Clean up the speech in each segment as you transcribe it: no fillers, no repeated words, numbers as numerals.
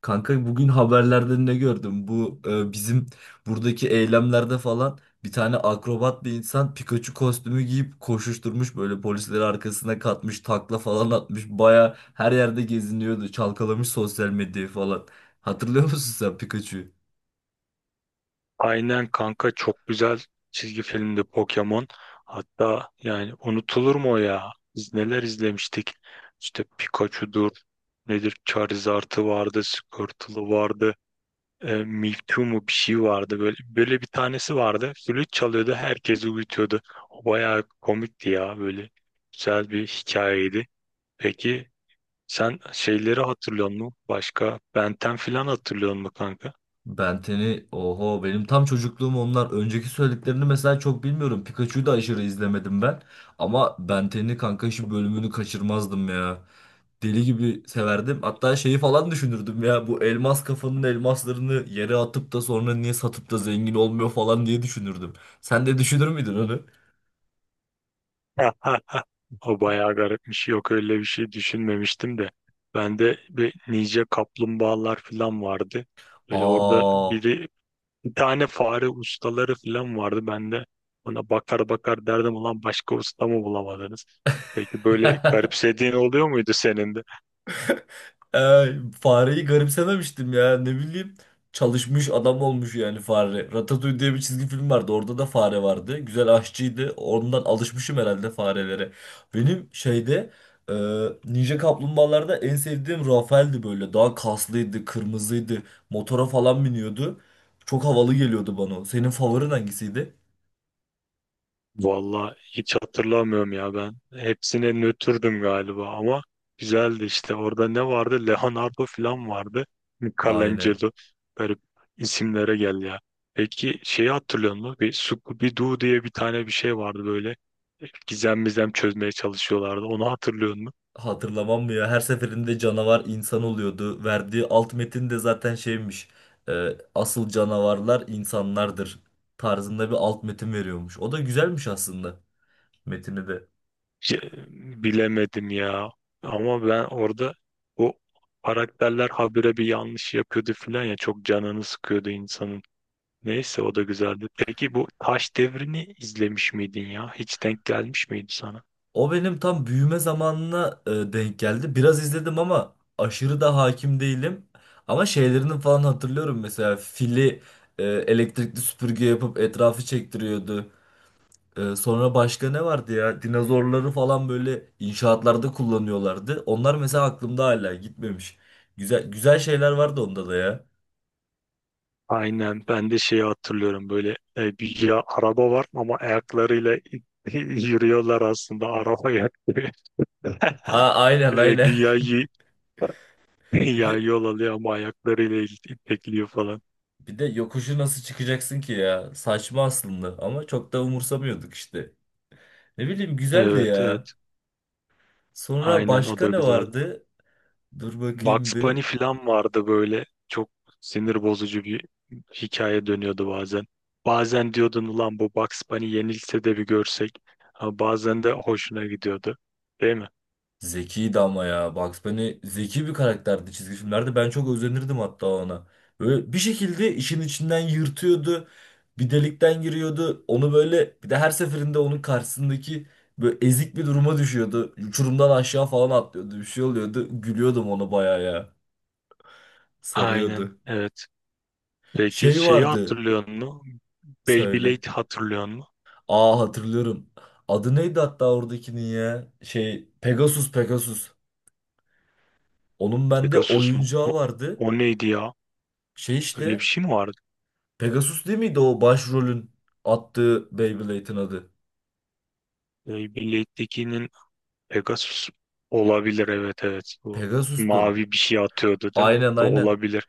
Kanka bugün haberlerde ne gördüm? Bu bizim buradaki eylemlerde falan bir tane akrobat bir insan Pikachu kostümü giyip koşuşturmuş böyle polisleri arkasına katmış takla falan atmış baya her yerde geziniyordu çalkalamış sosyal medyayı falan. Hatırlıyor musun sen Pikachu'yu? Aynen kanka, çok güzel çizgi filmdi Pokemon. Hatta yani unutulur mu o ya? Biz neler izlemiştik. İşte Pikachu'dur, nedir, Charizard'ı vardı, Squirtle'ı vardı, Mewtwo mu bir şey vardı. Böyle bir tanesi vardı. Flüt çalıyordu, herkesi uyutuyordu. O bayağı komikti ya böyle. Güzel bir hikayeydi. Peki sen şeyleri hatırlıyor musun? Başka Ben 10 falan hatırlıyor musun kanka? Benten'i oho benim tam çocukluğum onlar. Önceki söylediklerini mesela çok bilmiyorum. Pikachu'yu da aşırı izlemedim ben. Ama Benten'i kanka şu bölümünü kaçırmazdım ya. Deli gibi severdim. Hatta şeyi falan düşünürdüm ya. Bu elmas kafanın elmaslarını yere atıp da sonra niye satıp da zengin olmuyor falan diye düşünürdüm. Sen de düşünür müydün onu? O bayağı garipmiş. Yok öyle bir şey düşünmemiştim de. Bende bir nice kaplumbağalar falan vardı. Böyle orada Aa. biri bir tane fare ustaları falan vardı. Ben de ona bakar bakar derdim, ulan başka usta mı bulamadınız? Peki böyle garipsediğin oluyor muydu senin? Ee Fareyi garipsememiştim ya ne bileyim. Çalışmış adam olmuş yani fare. Ratatouille diye bir çizgi film vardı. Orada da fare vardı. Güzel aşçıydı. Ondan alışmışım herhalde farelere. Benim şeyde, e, Ninja Kaplumbağalarda en sevdiğim Rafael'di böyle. Daha kaslıydı, kırmızıydı. Motora falan biniyordu. Çok havalı geliyordu bana. O. Senin favorin hangisiydi? Vallahi hiç hatırlamıyorum ya ben. Hepsine nötrdüm galiba ama güzeldi işte. Orada ne vardı? Leonardo falan vardı. Aynen. Michelangelo. Garip isimlere gel ya. Peki şeyi hatırlıyor musun? Bir Scooby-Doo diye bir tane bir şey vardı böyle. Gizem mizem çözmeye çalışıyorlardı. Onu hatırlıyor musun? Hatırlamam mı ya? Her seferinde canavar insan oluyordu. Verdiği alt metin de zaten şeymiş. e, Asıl canavarlar insanlardır tarzında bir alt metin veriyormuş. O da güzelmiş aslında metini de. Şey, bilemedim ya. Ama ben orada o karakterler habire bir yanlış yapıyordu falan ya. Çok canını sıkıyordu insanın. Neyse o da güzeldi. Peki bu Taş Devri'ni izlemiş miydin ya? Hiç denk gelmiş miydi sana? O benim tam büyüme zamanına denk geldi. Biraz izledim ama aşırı da hakim değilim. Ama şeylerini falan hatırlıyorum mesela fili elektrikli süpürge yapıp etrafı çektiriyordu. Sonra başka ne vardı ya? Dinozorları falan böyle inşaatlarda kullanıyorlardı. Onlar mesela aklımda hala gitmemiş. Güzel güzel şeyler vardı onda da ya. Aynen, ben de şeyi hatırlıyorum böyle, bir ya araba var ama ayaklarıyla yürüyorlar, aslında araba ayak gibi. Ha, aynen aynen. Güya Bir ya de yol alıyor ama ayaklarıyla itekliyor falan. bir de yokuşu nasıl çıkacaksın ki ya? Saçma aslında ama çok da umursamıyorduk işte. Ne bileyim güzeldi Evet ya. evet, Sonra aynen, o da başka ne güzeldi. vardı? Dur bakayım Bugs bir. Bunny falan vardı böyle. Çok sinir bozucu bir hikaye dönüyordu bazen. Bazen diyordun ulan bu Bugs Bunny yenilse de bir görsek. Ha, bazen de hoşuna gidiyordu. Değil mi? Zekiydi ama ya. Bugs Bunny zeki bir karakterdi çizgi filmlerde. Ben çok özenirdim hatta ona. Böyle bir şekilde işin içinden yırtıyordu. Bir delikten giriyordu. Onu böyle bir de her seferinde onun karşısındaki böyle ezik bir duruma düşüyordu. Uçurumdan aşağı falan atlıyordu. Bir şey oluyordu. Gülüyordum ona bayağı ya. Aynen. Sarıyordu. Evet. Peki Şey şeyi vardı. hatırlıyor musun? Söyle. Beyblade hatırlıyor musun? Aa, hatırlıyorum. Adı neydi hatta oradakinin ya? Şey, Pegasus. Onun bende Pegasus mu? oyuncağı vardı. O neydi ya? Şey Öyle bir işte şey mi vardı? Pegasus değil miydi o başrolün attığı Beyblade'in adı? Beyblade'dekinin Pegasus olabilir. Evet evet. Bu Pegasus'tu. mavi bir şey atıyordu değil mi? Aynen Da aynen. olabilir.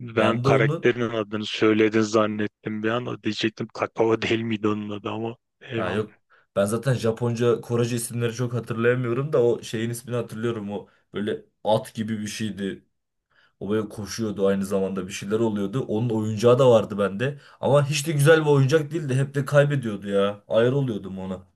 Ben Ben de onun. karakterin adını söyledin zannettim bir an. Diyecektim kakao değil miydi onun adı, ama Ha eyvallah. yok. Ben zaten Japonca, Korece isimleri çok hatırlayamıyorum da o şeyin ismini hatırlıyorum. O böyle at gibi bir şeydi. O böyle koşuyordu aynı zamanda bir şeyler oluyordu. Onun oyuncağı da vardı bende. Ama hiç de güzel bir oyuncak değildi. Hep de kaybediyordu ya. Ayar oluyordum ona.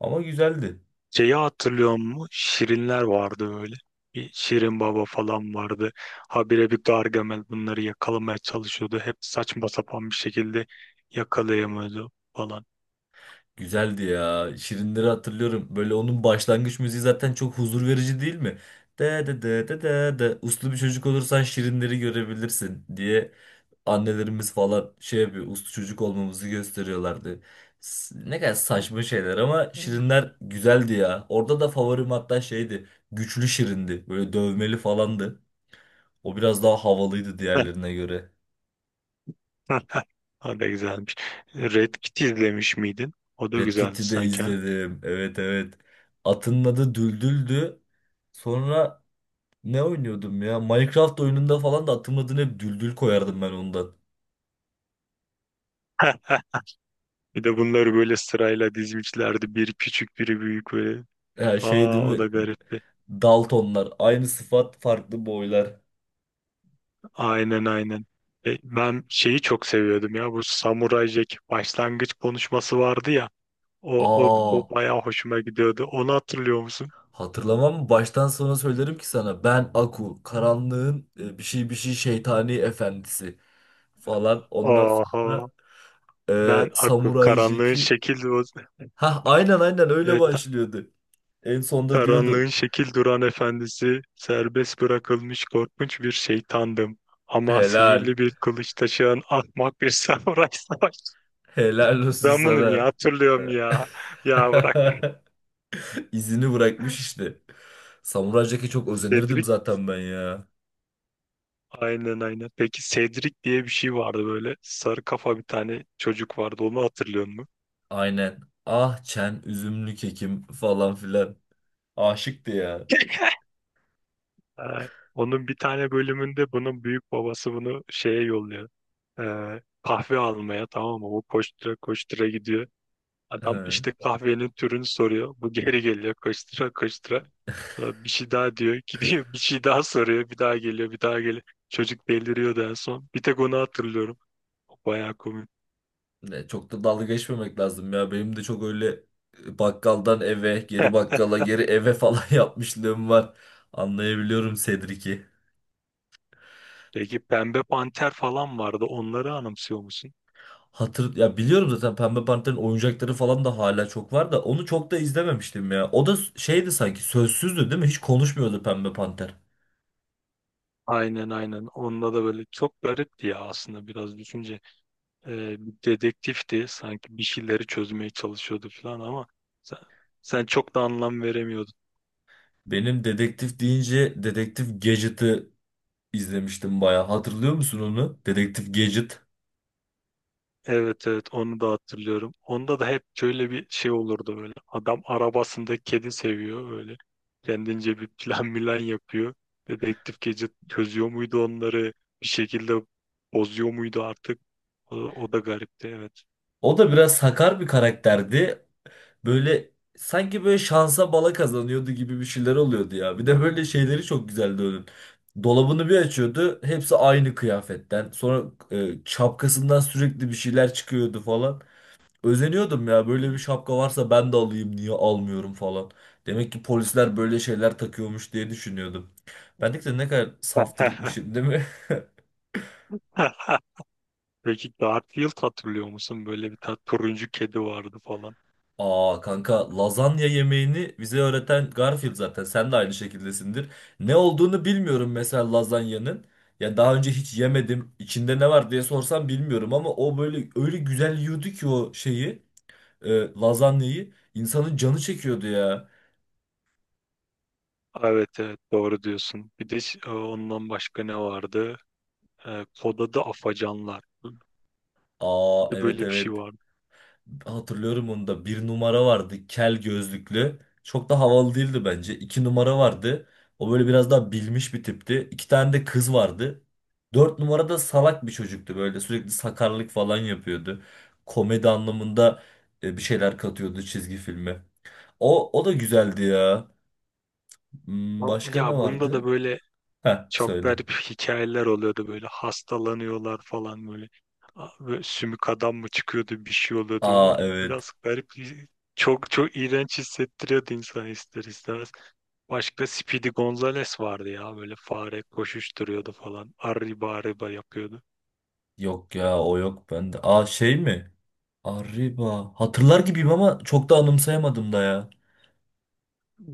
Ama güzeldi. Şeyi hatırlıyor musun? Şirinler vardı öyle. Bir Şirin Baba falan vardı. Habire bir Gargamel bunları yakalamaya çalışıyordu. Hep saçma sapan bir şekilde yakalayamıyordu falan. Güzeldi ya. Şirinleri hatırlıyorum. Böyle onun başlangıç müziği zaten çok huzur verici değil mi? De de de de de de. Uslu bir çocuk olursan şirinleri görebilirsin diye annelerimiz falan şey yapıyor. Uslu çocuk olmamızı gösteriyorlardı. Ne kadar Hı, saçma şeyler ama hı. şirinler güzeldi ya. Orada da favorim hatta şeydi. Güçlü şirindi. Böyle dövmeli falandı. O biraz daha havalıydı diğerlerine göre. O da güzelmiş. Red Kit izlemiş miydin? O da Red güzeldi Kit'i de sanki ha. izledim. Evet evet. Atının adı Düldül'dü. Sonra ne oynuyordum ya? Minecraft oyununda falan da atım adını hep düldül koyardım ben ondan. Bir de bunları böyle sırayla dizmişlerdi. Biri küçük, biri büyük böyle. Ya şey değil Aa, o da mi? garipti. Daltonlar. Aynı sıfat farklı boylar. Aynen aynen. Ben şeyi çok seviyordum ya, bu Samuray Jack başlangıç konuşması vardı ya. O o Aa, o bayağı hoşuma gidiyordu. Onu hatırlıyor musun? hatırlamam mı? Baştan sona söylerim ki sana. Ben Aku. Karanlığın bir şey bir şey şeytani efendisi. Falan. Ondan Oha. sonra Ben Aku, Samurai karanlığın Jack'i. şekil Hah, aynen aynen öyle evet, başlıyordu. En sonda karanlığın diyordu. şekil duran efendisi, serbest bırakılmış korkunç bir şeytandım. Ama Helal. sihirli bir kılıç taşıyan ahmak bir samuray savaş. Helal olsun Ben bunu niye sana. hatırlıyorum ya? Ya bırak. İzini bırakmış işte. Samuray Jack'e çok özenirdim Cedric zaten ben ya. aynen aynen. Peki Cedric diye bir şey vardı böyle. Sarı kafa bir tane çocuk vardı. Onu hatırlıyor musun? Aynen. Ah çen üzümlü kekim falan filan. Aşıktı ya. Ay, onun bir tane bölümünde bunun büyük babası bunu şeye yolluyor. Kahve almaya, tamam mı? Bu koştura koştura gidiyor. Adam Hı. işte kahvenin türünü soruyor. Bu geri geliyor koştura koştura. Sonra bir şey daha diyor. Gidiyor bir şey daha soruyor. Bir daha geliyor, bir daha geliyor. Çocuk deliriyordu en son. Bir tek onu hatırlıyorum. Bayağı komik. Ne, çok da dalga geçmemek lazım ya. Benim de çok öyle bakkaldan eve, geri bakkala, geri eve falan yapmışlığım var. Anlayabiliyorum Cedric'i. Peki Pembe Panter falan vardı. Onları anımsıyor musun? Hatır ya biliyorum zaten Pembe Panter'in oyuncakları falan da hala çok var da onu çok da izlememiştim ya. O da şeydi sanki, sözsüzdü değil mi? Hiç konuşmuyordu Pembe Panter. Aynen aynen. Onda da böyle çok garipti ya aslında, biraz düşünce. Bir dedektifti. Sanki bir şeyleri çözmeye çalışıyordu falan ama sen, sen çok da anlam veremiyordun. Benim dedektif deyince Dedektif Gadget'ı izlemiştim bayağı. Hatırlıyor musun onu? Dedektif Gadget. Evet evet, onu da hatırlıyorum. Onda da hep şöyle bir şey olurdu böyle. Adam arabasında kedi seviyor böyle. Kendince bir plan milan yapıyor. Dedektif gece çözüyor muydu onları? Bir şekilde bozuyor muydu artık? O, o da garipti, evet. O da biraz sakar bir karakterdi. Böyle sanki böyle şansa bala kazanıyordu gibi bir şeyler oluyordu ya. Bir de böyle şeyleri çok güzeldi onun. Dolabını bir açıyordu. Hepsi aynı kıyafetten. Sonra şapkasından sürekli bir şeyler çıkıyordu falan. Özeniyordum ya böyle bir şapka varsa ben de alayım niye almıyorum falan. Demek ki polisler böyle şeyler takıyormuş diye düşünüyordum. Ben de ne kadar saftirikmişim değil mi? Peki Garfield hatırlıyor musun? Böyle bir turuncu kedi vardı falan. Aa kanka lazanya yemeğini bize öğreten Garfield zaten sen de aynı şekildesindir. Ne olduğunu bilmiyorum mesela lazanyanın. Ya daha önce hiç yemedim. İçinde ne var diye sorsam bilmiyorum ama o böyle öyle güzel yiyordu ki o şeyi, e, lazanyayı insanın canı çekiyordu ya. Evet evet, doğru diyorsun. Bir de ondan başka ne vardı? Kod adı Afacanlar. Aa evet Böyle bir şey evet. vardı. Hatırlıyorum onu da. Bir numara vardı. Kel gözlüklü. Çok da havalı değildi bence. İki numara vardı. O böyle biraz daha bilmiş bir tipti. İki tane de kız vardı. Dört numara da salak bir çocuktu. Böyle sürekli sakarlık falan yapıyordu. Komedi anlamında bir şeyler katıyordu çizgi filme. O da güzeldi ya. Hmm, başka ne Ya bunda da vardı? böyle Heh, çok söyle. garip hikayeler oluyordu, böyle hastalanıyorlar falan böyle. Böyle sümük adam mı çıkıyordu, bir şey oluyordu. O Aa evet. biraz garip, çok çok iğrenç hissettiriyordu insan ister istemez. Başka Speedy Gonzales vardı ya, böyle fare koşuşturuyordu falan. Arriba arriba yapıyordu. Yok ya o yok bende. Aa şey mi? Arriba. Hatırlar gibiyim ama çok da anımsayamadım da ya.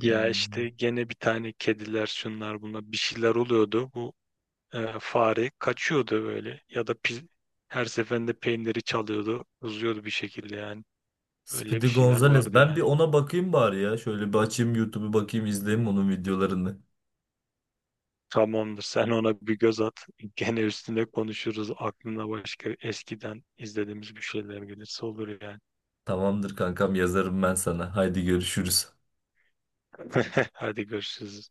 Ya Hmm. işte gene bir tane kediler şunlar bunlar, bir şeyler oluyordu. Fare kaçıyordu böyle, ya da her seferinde peyniri çalıyordu, uzuyordu bir şekilde yani. Öyle bir Speedy şeyler Gonzales. vardı Ben bir yani. ona bakayım bari ya. Şöyle bir açayım YouTube'u, bakayım izleyeyim onun videolarını. Tamamdır, sen ona bir göz at. Gene üstüne konuşuruz. Aklına başka eskiden izlediğimiz bir şeyler gelirse olur yani. Tamamdır kankam yazarım ben sana. Haydi görüşürüz. Hadi görüşürüz.